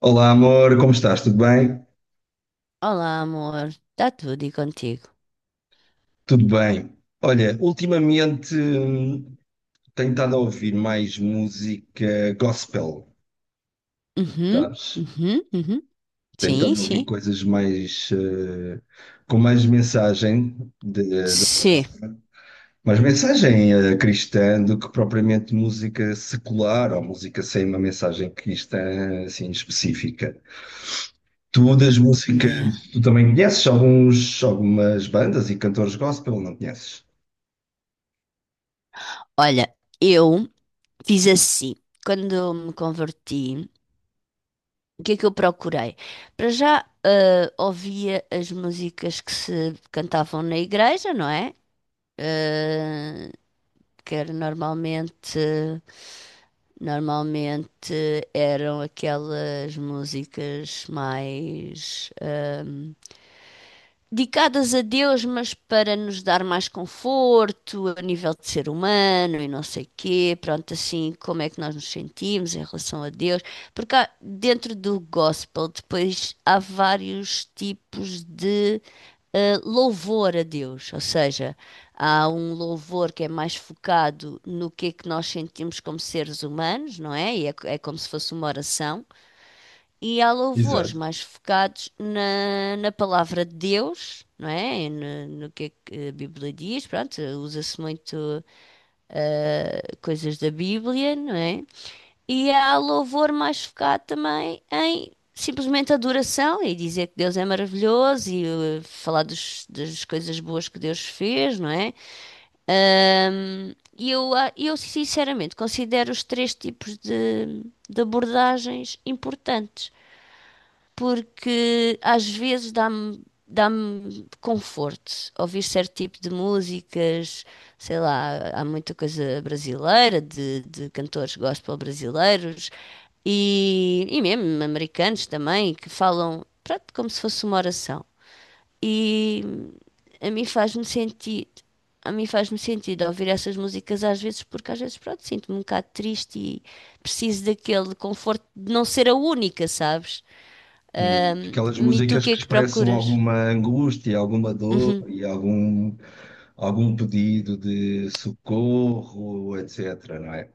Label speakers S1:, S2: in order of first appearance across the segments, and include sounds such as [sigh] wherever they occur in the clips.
S1: Olá, amor, como estás? Tudo bem?
S2: Olá, amor. Está tudo e contigo?
S1: Tudo bem. Olha, ultimamente tenho estado a ouvir mais música gospel,
S2: Uhum,
S1: sabes?
S2: uhum, uhum.
S1: Tenho
S2: Sim,
S1: estado a ouvir
S2: sim.
S1: coisas mais com mais mensagem, de,
S2: Sim.
S1: mais mensagem cristã do que propriamente música secular ou música sem uma mensagem cristã assim específica. Tu das
S2: Yeah.
S1: músicas, tu também conheces algumas bandas e cantores gospel, não conheces?
S2: Olha, eu fiz assim. Quando me converti, o que é que eu procurei? Para já, ouvia as músicas que se cantavam na igreja, não é? Eh, que era normalmente, eram aquelas músicas mais dedicadas a Deus, mas para nos dar mais conforto a nível de ser humano e não sei quê, pronto, assim, como é que nós nos sentimos em relação a Deus, porque dentro do gospel depois há vários tipos de louvor a Deus, ou seja, há um louvor que é mais focado no que é que nós sentimos como seres humanos, não é? É como se fosse uma oração. E há louvores
S1: Exato.
S2: mais focados na palavra de Deus, não é? No que é que a Bíblia diz, pronto, usa-se muito coisas da Bíblia, não é? E há louvor mais focado também em simplesmente adoração e dizer que Deus é maravilhoso e falar das coisas boas que Deus fez, não é? Eu sinceramente considero os três tipos de abordagens importantes porque às vezes dá-me conforto ouvir certo tipo de músicas, sei lá, há muita coisa brasileira, de cantores gospel brasileiros e mesmo americanos também, que falam, pronto, como se fosse uma oração. E a mim faz-me sentido. A mim faz-me sentido ouvir essas músicas às vezes, porque às vezes, pronto, sinto-me um bocado triste e preciso daquele conforto de não ser a única, sabes? Ahm,
S1: Aquelas
S2: e tu o
S1: músicas
S2: que é
S1: que
S2: que
S1: expressam
S2: procuras?
S1: alguma angústia, alguma dor
S2: Uhum,
S1: e algum pedido de socorro, etc, não é?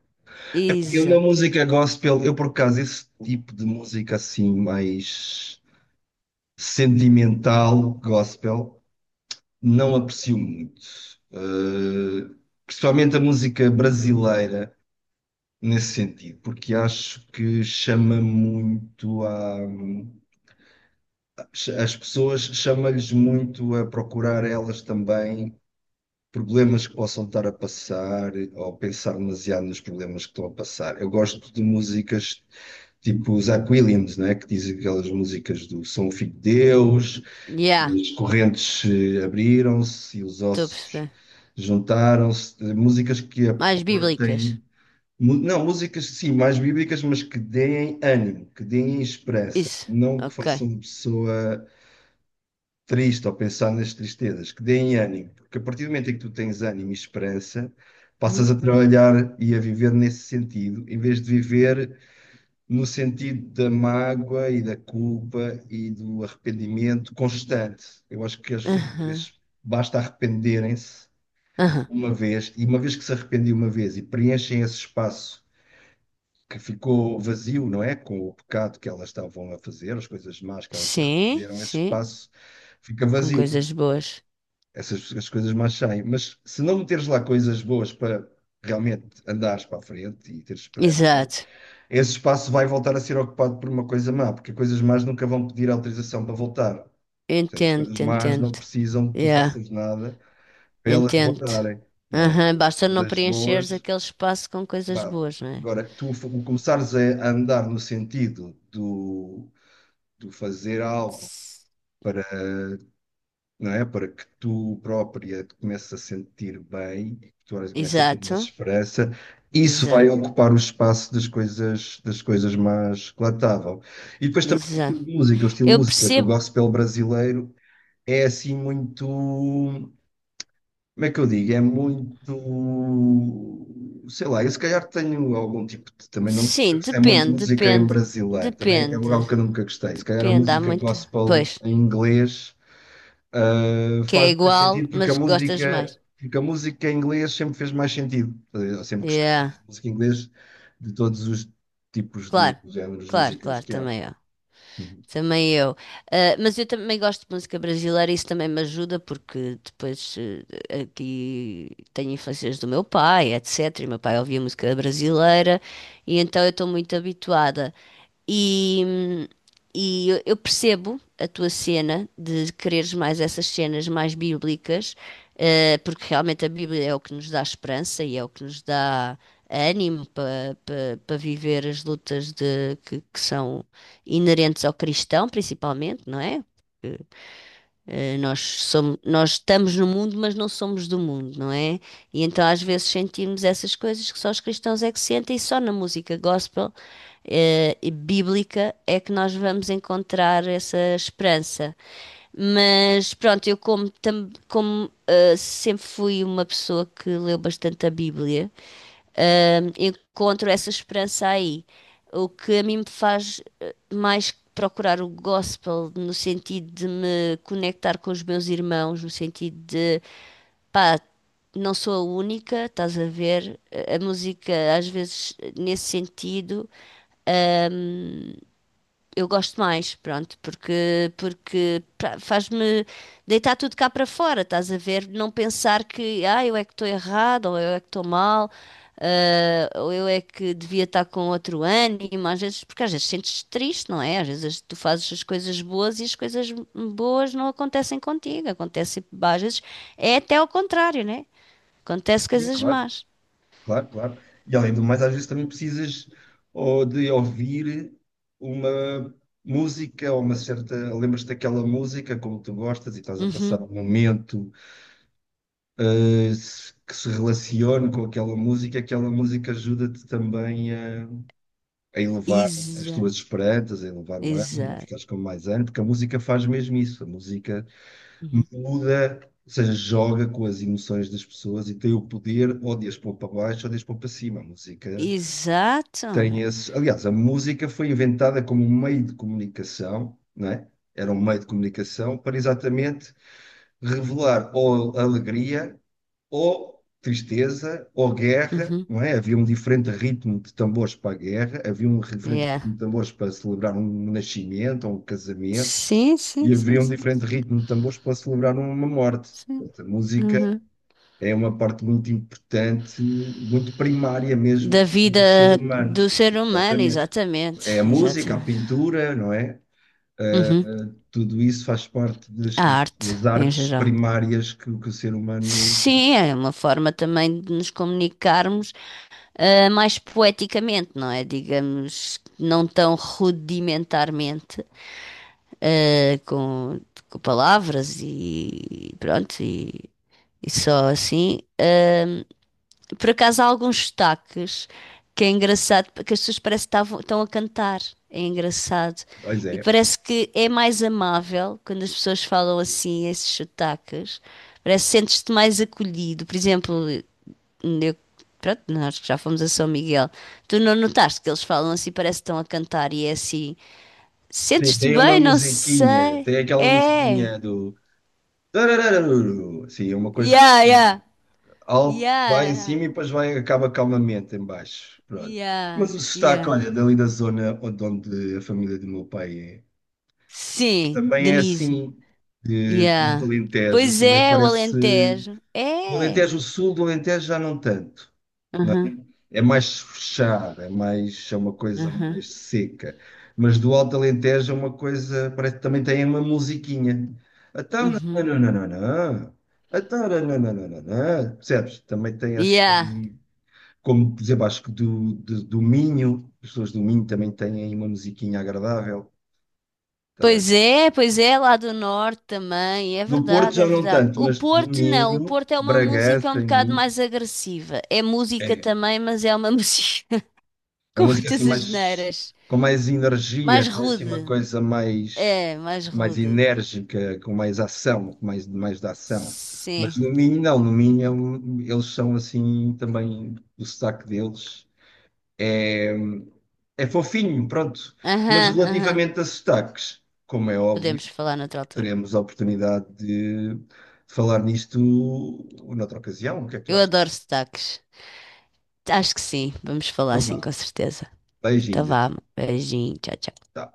S1: Eu na
S2: exato.
S1: música gospel, eu por acaso esse tipo de música assim mais sentimental, gospel, não aprecio muito. Eh, Principalmente a música brasileira nesse sentido, porque acho que chama muito à as pessoas chamam lhes muito a procurar elas também problemas que possam estar a passar ou pensar demasiado nos problemas que estão a passar. Eu gosto de músicas tipo os Aquilians, né, que dizem aquelas músicas do Sou um filho de Deus,
S2: Yeah,
S1: as correntes abriram-se e os
S2: estou a
S1: ossos
S2: perceber.
S1: juntaram-se, eh, músicas que
S2: Mais bíblicas.
S1: aportem Não, músicas sim, mais bíblicas, mas que deem ânimo, que deem esperança,
S2: Isso.
S1: não que
S2: Ok.
S1: façam a pessoa triste ou pensar nas tristezas, que deem ânimo, porque a partir do momento em que tu tens ânimo e esperança, passas
S2: Uhum.
S1: a trabalhar e a viver nesse sentido, em vez de viver no sentido da mágoa e da culpa e do arrependimento constante. Eu acho que as pessoas às
S2: Aham.
S1: vezes basta arrependerem-se
S2: Aham.
S1: uma vez, e uma vez que se arrependem uma vez e preenchem esse espaço que ficou vazio, não é? Com o pecado que elas estavam a fazer, as coisas más que elas se
S2: Sim,
S1: arrependeram, esse
S2: sim.
S1: espaço fica
S2: Com
S1: vazio
S2: coisas boas.
S1: essas as coisas mais saem. Mas se não meteres lá coisas boas para realmente andares para a frente e teres esperança,
S2: Exato.
S1: esse espaço vai voltar a ser ocupado por uma coisa má, porque coisas más nunca vão pedir autorização para voltar. Ou seja, as
S2: Entendo,
S1: coisas más
S2: entendo.
S1: não precisam que tu
S2: Yeah,
S1: faças nada para elas
S2: entendo.
S1: voltarem, não é?
S2: Aham. Basta
S1: Mas
S2: não
S1: as
S2: preencheres
S1: boas,
S2: aquele espaço com coisas
S1: pá,
S2: boas, não é?
S1: agora que tu começares a andar no sentido do fazer algo.
S2: S-
S1: Não é? Para que tu própria te comeces a sentir bem, que tu olhas e comeces a ter mais
S2: Exato.
S1: esperança, isso vai
S2: Exato.
S1: ocupar o espaço das das coisas más que lá estavam. E depois também o estilo
S2: Exato.
S1: de música, o estilo de
S2: Eu
S1: música do
S2: percebo.
S1: gospel brasileiro é assim muito, como é que eu digo? É muito, sei lá, eu se calhar tenho algum tipo de, também não
S2: Sim,
S1: é muito
S2: depende,
S1: música em
S2: depende,
S1: brasileiro, também é
S2: depende.
S1: algo que eu nunca gostei, se calhar a
S2: Depende, há
S1: música
S2: muito.
S1: gospel
S2: Pois,
S1: em inglês
S2: que é
S1: faz mais
S2: igual,
S1: sentido
S2: mas gostas mais.
S1: porque a música em inglês sempre fez mais sentido. Eu sempre gostei mais
S2: Yeah,
S1: de música em inglês de todos os tipos de
S2: claro,
S1: géneros
S2: claro,
S1: musicais
S2: claro,
S1: que há.
S2: também.
S1: Uhum.
S2: Também eu. Ah, mas eu também gosto de música brasileira, isso também me ajuda, porque depois aqui tenho influências do meu pai, etc. E meu pai ouvia música brasileira, e então eu estou muito habituada. E, e eu percebo a tua cena de quereres mais essas cenas mais bíblicas, porque realmente a Bíblia é o que nos dá esperança e é o que nos dá ânimo para viver as lutas de, que são inerentes ao cristão, principalmente, não é? Nós somos, nós estamos no mundo, mas não somos do mundo, não é? E então às vezes sentimos essas coisas que só os cristãos é que sentem, e só na música gospel, e bíblica é que nós vamos encontrar essa esperança. Mas pronto, eu como, tam- como, eh, sempre fui uma pessoa que leu bastante a Bíblia, encontro essa esperança aí. O que a mim me faz mais procurar o gospel no sentido de me conectar com os meus irmãos, no sentido de, pá, não sou a única, estás a ver? A música, às vezes, nesse sentido, eu gosto mais, pronto, porque faz-me deitar tudo cá para fora, estás a ver? Não pensar que, ah, eu é que estou errado, ou eu é que estou mal, ah, ou eu é que devia estar com outro ânimo, às vezes, porque às vezes sentes triste, não é? Às vezes tu fazes as coisas boas e as coisas boas não acontecem contigo, acontece, às vezes é até ao contrário, né? Acontece
S1: Sim,
S2: coisas
S1: claro,
S2: más.
S1: claro, claro. E além do mais, às vezes também precisas ou de ouvir uma música ou uma certa. Lembras-te daquela música como tu gostas e estás a
S2: Uhum.
S1: passar um momento que se relacione com aquela música ajuda-te também a elevar as
S2: Exa,
S1: tuas esperanças, a elevar o ânimo, a
S2: Exato.
S1: ficares com mais ânimo, porque a música faz mesmo isso. A música
S2: Uhum.
S1: muda, ou seja, joga com as emoções das pessoas e tem o poder ou de as pôr para baixo ou de as pôr para cima. A música
S2: Exato.
S1: tem esse. Aliás, a música foi inventada como um meio de comunicação, não é? Era um meio de comunicação para exatamente revelar ou a alegria ou tristeza, ou guerra,
S2: Uhum.
S1: não é? Havia um diferente ritmo de tambores para a guerra, havia um diferente
S2: Yeah.
S1: ritmo de tambores para celebrar um nascimento ou um casamento,
S2: Sim, sim,
S1: e
S2: sim,
S1: havia um
S2: sim,
S1: diferente ritmo de tambores para celebrar uma morte.
S2: sim.
S1: Portanto, a música
S2: Uhum.
S1: é uma parte muito importante, muito primária mesmo
S2: Da vida
S1: do ser
S2: do
S1: humano.
S2: ser humano,
S1: Exatamente.
S2: exatamente,
S1: É a música, a
S2: exatamente.
S1: pintura, não é? Ah,
S2: Uhum.
S1: ah, tudo isso faz parte das,
S2: A arte,
S1: das
S2: em
S1: artes
S2: geral.
S1: primárias que o ser humano,
S2: Sim, é uma forma também de nos comunicarmos, ah, mais poeticamente, não é? Digamos, não tão rudimentarmente, ah, com palavras e pronto, e só assim. Por acaso há alguns sotaques que é engraçado, porque as pessoas parece que estão a cantar. É engraçado.
S1: pois
S2: E
S1: é.
S2: parece que é mais amável quando as pessoas falam assim, esses sotaques. Parece que sentes-te mais acolhido. Por exemplo, eu, pronto, nós que já fomos a São Miguel, tu não notaste que eles falam assim, parece que estão a cantar e é assim.
S1: Sim,
S2: Sentes-te
S1: tem uma
S2: bem? Não
S1: musiquinha,
S2: sei.
S1: tem aquela
S2: É.
S1: musiquinha do tararararuru. Sim, é uma coisa
S2: Yeah,
S1: que
S2: yeah.
S1: alto vai em
S2: Yeah,
S1: cima e depois vai, acaba calmamente em baixo. Pronto.
S2: yeah.
S1: Mas o
S2: Yeah,
S1: sotaque,
S2: yeah.
S1: olha, dali da zona onde onde a família do meu pai é,
S2: Sim,
S1: também é
S2: Denise.
S1: assim, de, do
S2: Yeah.
S1: Alentejo,
S2: Pois
S1: também
S2: é, o
S1: parece.
S2: Alentejo.
S1: Do
S2: É.
S1: Alentejo Sul, do Alentejo já não tanto.
S2: Aham,
S1: É mais fechada, é mais, é uma coisa
S2: aham,
S1: mais seca. Mas do Alto Alentejo é uma coisa, parece que também tem uma musiquinha. Então, não,
S2: uhum.
S1: não, não, não, não. Então, não, não, não, não, não, não. Percebes? Também tem
S2: Yeah.
S1: assim, como por exemplo, acho que do Minho, as pessoas do Minho também têm aí uma musiquinha agradável. Estás a ver?
S2: Pois é, lá do norte também. É
S1: Do Porto
S2: verdade,
S1: já
S2: é
S1: não
S2: verdade.
S1: tanto,
S2: O
S1: mas do
S2: Porto não, o
S1: Minho,
S2: Porto é uma música um
S1: Bragança, em
S2: bocado
S1: Minho.
S2: mais agressiva. É música
S1: É,
S2: também, mas é uma [laughs] música
S1: é
S2: com
S1: uma música assim
S2: muitas
S1: mais
S2: asneiras.
S1: com mais energia,
S2: Mais
S1: né? Assim, uma
S2: rude.
S1: coisa mais
S2: É, mais
S1: mais
S2: rude.
S1: enérgica, com mais ação, com mais da ação. Mas
S2: Sim.
S1: no Minho não, no Minho é eles são assim também o sotaque deles é é fofinho, pronto. Mas
S2: Aham, aham.
S1: relativamente a sotaques, como é óbvio,
S2: Podemos falar noutra altura.
S1: teremos a oportunidade de falar nisto noutra ocasião. O que é que tu
S2: Eu
S1: achas?
S2: adoro sotaques. Acho que sim, vamos falar
S1: Então
S2: sim,
S1: vá,
S2: com certeza. Então
S1: beijinhos então.
S2: vamos. Beijinho. Tchau, tchau.
S1: Tá.